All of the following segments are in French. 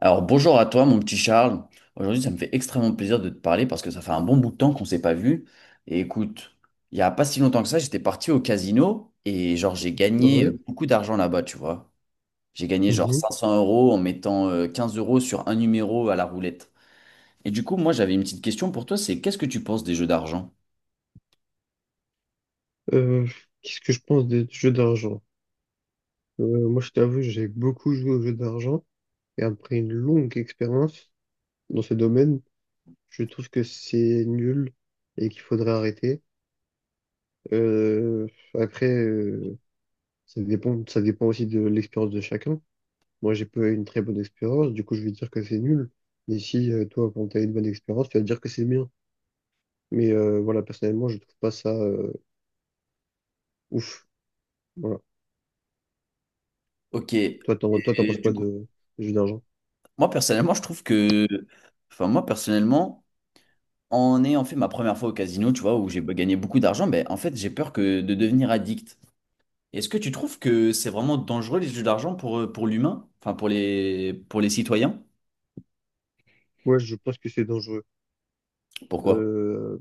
Alors bonjour à toi mon petit Charles. Aujourd'hui ça me fait extrêmement plaisir de te parler parce que ça fait un bon bout de temps qu'on s'est pas vu. Et écoute, il y a pas si longtemps que ça, j'étais parti au casino et genre j'ai gagné Ouais. Beaucoup d'argent là-bas, tu vois. J'ai gagné genre Mhm. 500 euros en mettant 15 € sur un numéro à la roulette. Et du coup, moi j'avais une petite question pour toi, c'est qu'est-ce que tu penses des jeux d'argent? Euh, Qu'est-ce que je pense des jeux d'argent? Moi, je t'avoue, j'ai beaucoup joué aux jeux d'argent et après une longue expérience dans ce domaine, je trouve que c'est nul et qu'il faudrait arrêter. Euh, après, ça dépend aussi de l'expérience de chacun. Moi, j'ai pas eu une très bonne expérience, du coup, je vais dire que c'est nul. Mais si toi, quand tu as une bonne expérience, tu vas dire que c'est bien. Mais voilà, personnellement, je trouve pas ça ouf. Voilà. Ok, et Toi, t'en penses quoi du coup, de, des jeux d'argent? moi personnellement, je trouve que, enfin moi personnellement, en ayant fait ma première fois au casino, tu vois, où j'ai gagné beaucoup d'argent, ben en fait j'ai peur que de devenir addict. Est-ce que tu trouves que c'est vraiment dangereux les jeux d'argent pour l'humain, enfin pour les citoyens? Ouais, je pense que c'est dangereux. Pourquoi? Euh,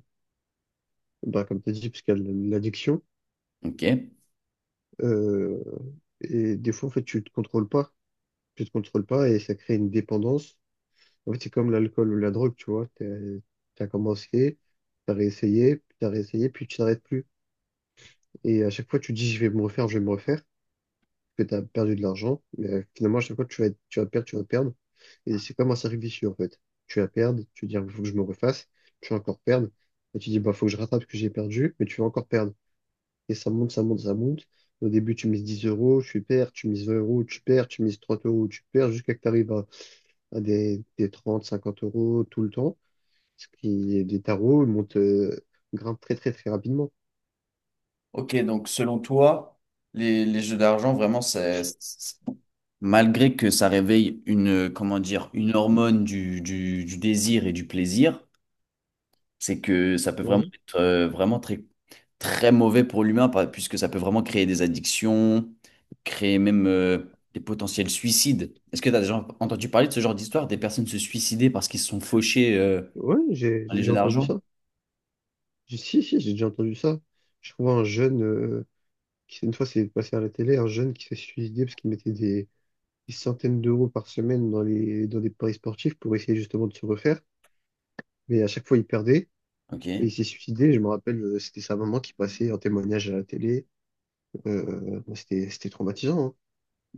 Bah, comme tu as dit, parce qu'il y a l'addiction. Ok. euh, et des fois, en fait, tu te contrôles pas. Tu te contrôles pas et ça crée une dépendance. En fait, c'est comme l'alcool ou la drogue, tu vois. Tu as commencé, tu as réessayé, puis tu as réessayé, puis tu t'arrêtes plus. Et à chaque fois, tu dis, je vais me refaire, je vais me refaire, parce que tu as perdu de l'argent. Mais finalement, à chaque fois, tu vas perdre, tu vas perdre. Et c'est comme un cercle vicieux, en fait. Tu vas perdre, tu dis, il faut que je me refasse, tu vas encore perdre. Et tu dis, bah, faut que je rattrape ce que j'ai perdu, mais tu vas encore perdre. Et ça monte, ça monte, ça monte. Au début, tu mises 10 euros, tu perds, tu mises 20 euros, tu perds, tu mises 30 euros, tu perds, jusqu'à que tu arrives à des 30, 50 euros tout le temps. Ce qui, les tarots, ils grimpent très, très, très rapidement. Ok, donc selon toi, les jeux d'argent, vraiment, c'est malgré que ça réveille une, comment dire, une hormone du désir et du plaisir, c'est que ça peut vraiment Ouais, être vraiment très, très mauvais pour l'humain, puisque ça peut vraiment créer des addictions, créer même des potentiels suicides. Est-ce que tu as déjà entendu parler de ce genre d'histoire, des personnes se suicider parce qu'ils se sont fauchés dans j'ai les jeux déjà entendu d'argent? ça. Si, si, j'ai déjà entendu ça. Je trouve un jeune, qui, une fois, c'est passé à la télé, un jeune qui s'est suicidé parce qu'il mettait des centaines d'euros par semaine dans des paris sportifs pour essayer justement de se refaire. Mais à chaque fois, il perdait. Et Ok. il s'est suicidé, je me rappelle, c'était sa maman qui passait en témoignage à la télé. Bah, c'était traumatisant, hein.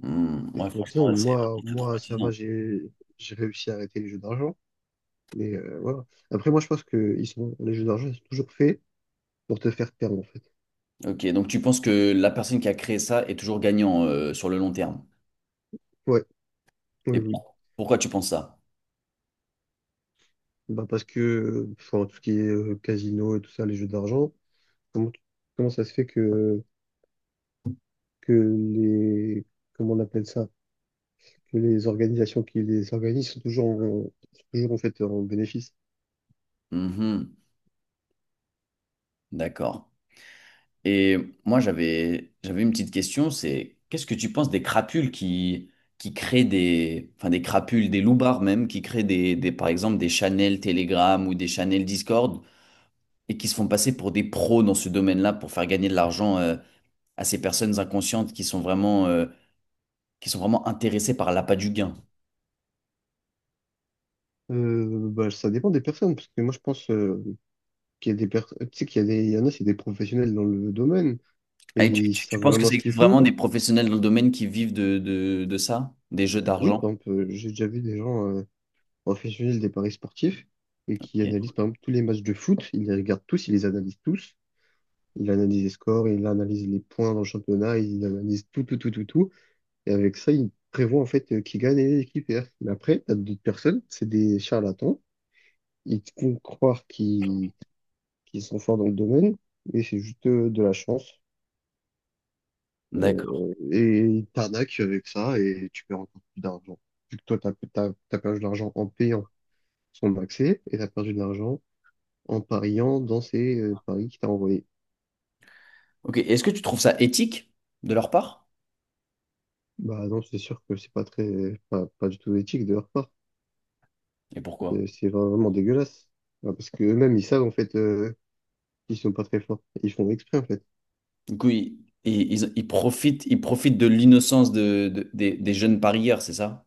Hmm, C'était ouais, franchement, traumatisant. c'est vraiment Moi, très moi, ça va, traumatisant. J'ai réussi à arrêter les jeux d'argent. Mais voilà. Après, moi, je pense que les jeux d'argent, ils sont toujours faits pour te faire perdre, en fait. Ok, donc tu penses que la personne qui a créé ça est toujours gagnant sur le long terme. Ouais, oui, Et oui. Pourquoi tu penses ça? Bah, parce que, enfin, tout ce qui est casino et tout ça, les jeux d'argent, comment, comment ça se fait que les, comment on appelle ça, que les organisations qui les organisent sont toujours sont toujours, en fait, en bénéfice? Mhm, d'accord. Et moi, j'avais une petite question, c'est qu'est-ce que tu penses des crapules qui créent des, enfin des crapules, des loupards même, qui créent des, par exemple des channels Telegram ou des channels Discord et qui se font passer pour des pros dans ce domaine-là pour faire gagner de l'argent à ces personnes inconscientes qui sont vraiment intéressées par l'appât du gain. Bah, ça dépend des personnes, parce que moi je pense qu'il y a des personnes, tu sais qu'il y a des, il y en a, c'est des professionnels dans le domaine et Ah, et tu, ils tu- tu savent penses que vraiment ça ce qu'ils existe font. vraiment des professionnels dans le domaine qui vivent de ça, des jeux Oui, par d'argent? exemple, j'ai déjà vu des gens professionnels des paris sportifs et qui Ok. analysent par exemple tous les matchs de foot, ils les regardent tous, ils les analysent tous, ils analysent les scores, ils analysent les points dans le championnat, ils analysent tout, tout, tout, tout, tout, et avec ça, ils prévoient en fait qui gagne et qui perd. Mais après, t'as d'autres personnes, c'est des charlatans, ils te font croire qu'ils qui sont forts dans le domaine, mais c'est juste de la chance. D'accord. Et ils t'arnaquent avec ça et tu perds encore plus d'argent. Vu que toi, t'as perdu de l'argent en payant son accès et t'as perdu de l'argent en pariant dans ces paris qu'il t'a envoyés. Ok. Est-ce que tu trouves ça éthique de leur part? Bah non, c'est sûr que c'est pas très, pas, pas du tout éthique de leur part. Et pourquoi? C'est vraiment dégueulasse. Ouais, parce que eux-mêmes, ils savent en fait qu'ils sont pas très forts. Ils font exprès en fait. Du coup, ils profitent de l'innocence des jeunes parieurs, c'est ça?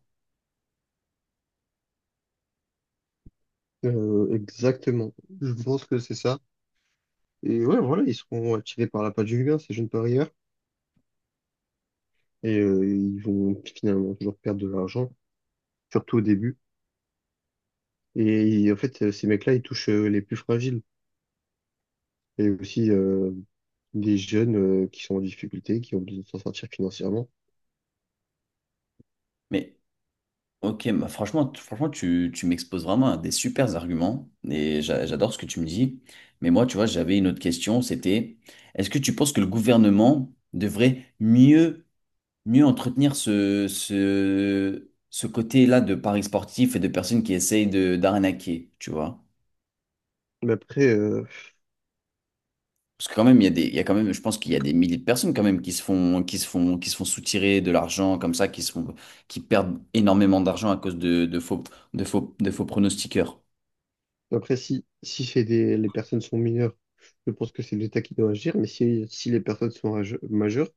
Exactement. Je pense que c'est ça. Et ouais, voilà, ils seront attirés par l'appât du gain, ces jeunes parieurs. Et ils vont finalement toujours perdre de l'argent, surtout au début. Et en fait, ces mecs-là, ils touchent les plus fragiles et aussi des jeunes qui sont en difficulté, qui ont besoin de s'en sortir financièrement. Mais ok, bah, franchement, franchement, tu m'exposes vraiment à des super arguments et j'adore ce que tu me dis. Mais moi, tu vois, j'avais une autre question, c'était, est-ce que tu penses que le gouvernement devrait mieux entretenir ce côté-là de paris sportifs et de personnes qui essayent de d'arnaquer, tu vois. Mais après, euh, Parce que quand même, il y a quand même, je pense qu'il y a des milliers de personnes quand même qui se font, qui se font, qui se font soutirer de l'argent comme ça, qui perdent énormément d'argent à cause de faux pronostiqueurs. après si, si c'est des, les personnes sont mineures, je pense que c'est l'État qui doit agir. Mais si, si les personnes sont majeures,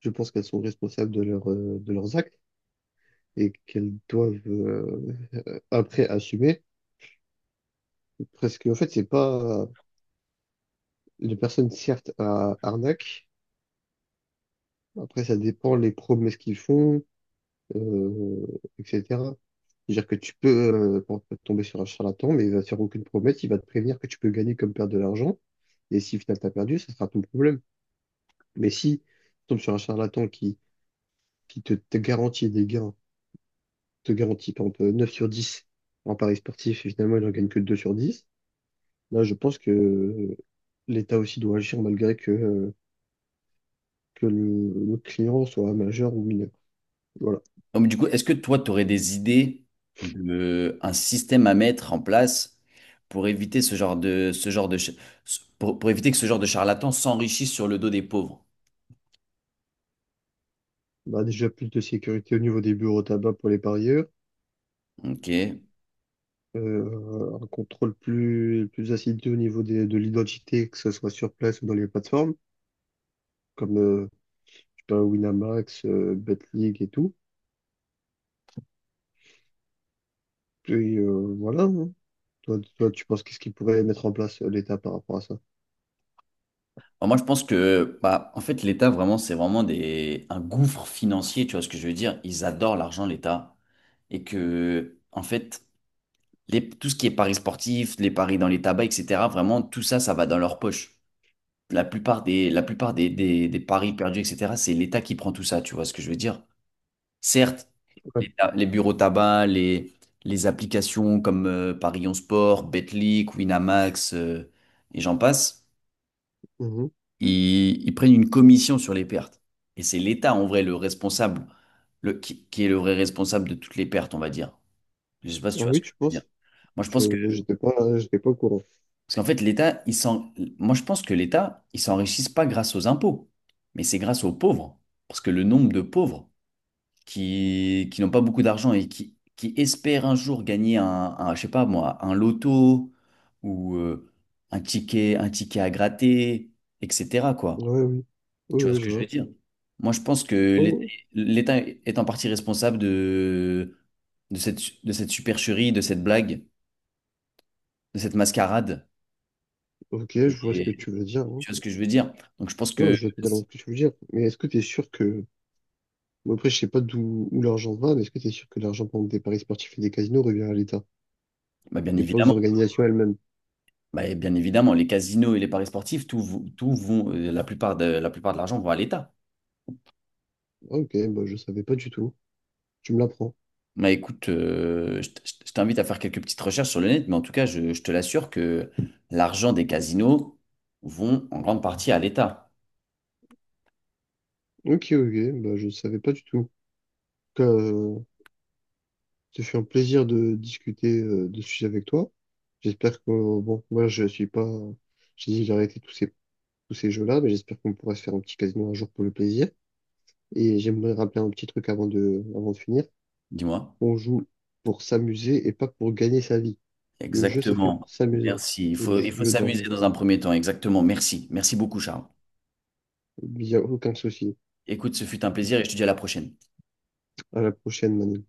je pense qu'elles sont responsables de, leur, de leurs actes et qu'elles doivent après assumer. Parce qu'en fait, c'est pas... Les personnes, certes, à arnaque. Après, ça dépend les promesses qu'ils font, euh, etc. C'est-à-dire que tu peux tomber sur un charlatan, mais il va te faire aucune promesse, il va te prévenir que tu peux gagner comme perdre de l'argent. Et si finalement t'as perdu, ça sera ton problème. Mais si tu tombes sur un charlatan qui, te garantit des gains, te garantit par exemple 9 sur 10 en paris sportif, et finalement il n'en gagne que 2 sur 10, là je pense que l'État aussi doit agir malgré que le client soit majeur ou mineur. Voilà. Donc, du coup, est-ce que toi, tu aurais des idées de un système à mettre en place pour éviter ce genre de, ch- pour éviter que ce genre de charlatan s'enrichisse sur le dos des pauvres? Bah, déjà plus de sécurité au niveau des bureaux à tabac pour les parieurs, Ok. Un contrôle plus assidu au niveau de l'identité, que ce soit sur place ou dans les plateformes, comme je sais pas, Winamax, Betclic et tout. Puis voilà. Hein. Toi, tu penses qu'est-ce qu'il pourrait mettre en place l'État par rapport à ça? Alors moi, je pense que, bah, en fait, l'État, vraiment, c'est vraiment un gouffre financier, tu vois ce que je veux dire? Ils adorent l'argent, l'État. Et que, en fait, tout ce qui est paris sportifs, les paris dans les tabacs, etc., vraiment, tout ça, ça va dans leur poche. La plupart des paris perdus, etc., c'est l'État qui prend tout ça, tu vois ce que je veux dire? Certes, les bureaux tabac, les applications comme Paris en Sport, Betclic, Winamax, et j'en passe. Ouais. Ils prennent une commission sur les pertes. Et c'est l'État, en vrai, le responsable, qui est le vrai responsable de toutes les pertes, on va dire. Je sais pas si tu Ah vois ce oui, que je tu veux dire. penses? Moi, je Je, pense que, j'étais pas au courant. parce qu'en fait, l'État, moi, je pense que l'État, ils s'enrichissent pas grâce aux impôts, mais c'est grâce aux pauvres. Parce que le nombre de pauvres qui n'ont pas beaucoup d'argent et qui espèrent un jour gagner je sais pas moi, un loto ou un ticket à gratter, etc., quoi. Ouais, oui. Oui, Tu vois oui, ce je que je veux vois. dire? Moi, je pense que l'État Oh, l'État est en partie responsable de cette, de cette supercherie, de cette blague, de cette mascarade. ok, je vois ce que Et, tu veux dire. Hein. tu vois ce que je veux dire? Donc, je pense Non, que, je vois totalement ce que tu veux dire. Mais est-ce que tu es sûr que... Bon, après, je sais pas d'où où l'argent va, mais est-ce que tu es sûr que l'argent pour des paris sportifs et des casinos revient à l'État bah, bien et pas aux évidemment, organisations elles-mêmes? bah, bien évidemment, les casinos et les paris sportifs, tout vont, la plupart de l'argent vont à l'État. Ah, ok, bah, je savais pas du tout. Tu me l'apprends. Bah, écoute, je t'invite à faire quelques petites recherches sur le net, mais en tout cas, je te l'assure que l'argent des casinos vont en grande partie à l'État. Ok, ok, bah, je savais pas du tout. En tout cas, ce fut un plaisir de discuter de ce sujet avec toi. J'espère que, bon, moi, je suis pas... J'ai dit, j'ai arrêté tous ces jeux-là. Mais j'espère qu'on pourra se faire un petit casino un jour pour le plaisir. Et j'aimerais rappeler un petit truc avant avant de finir. Dis-moi. On joue pour s'amuser et pas pour gagner sa vie. Le jeu, c'est fait pour Exactement. s'amuser. Merci. Il Le faut, il faut jeu s'amuser d'argent. dans un premier temps. Exactement. Merci. Merci beaucoup, Charles. Il n'y a aucun souci. Écoute, ce fut un plaisir et je te dis à la prochaine. À la prochaine, Manu.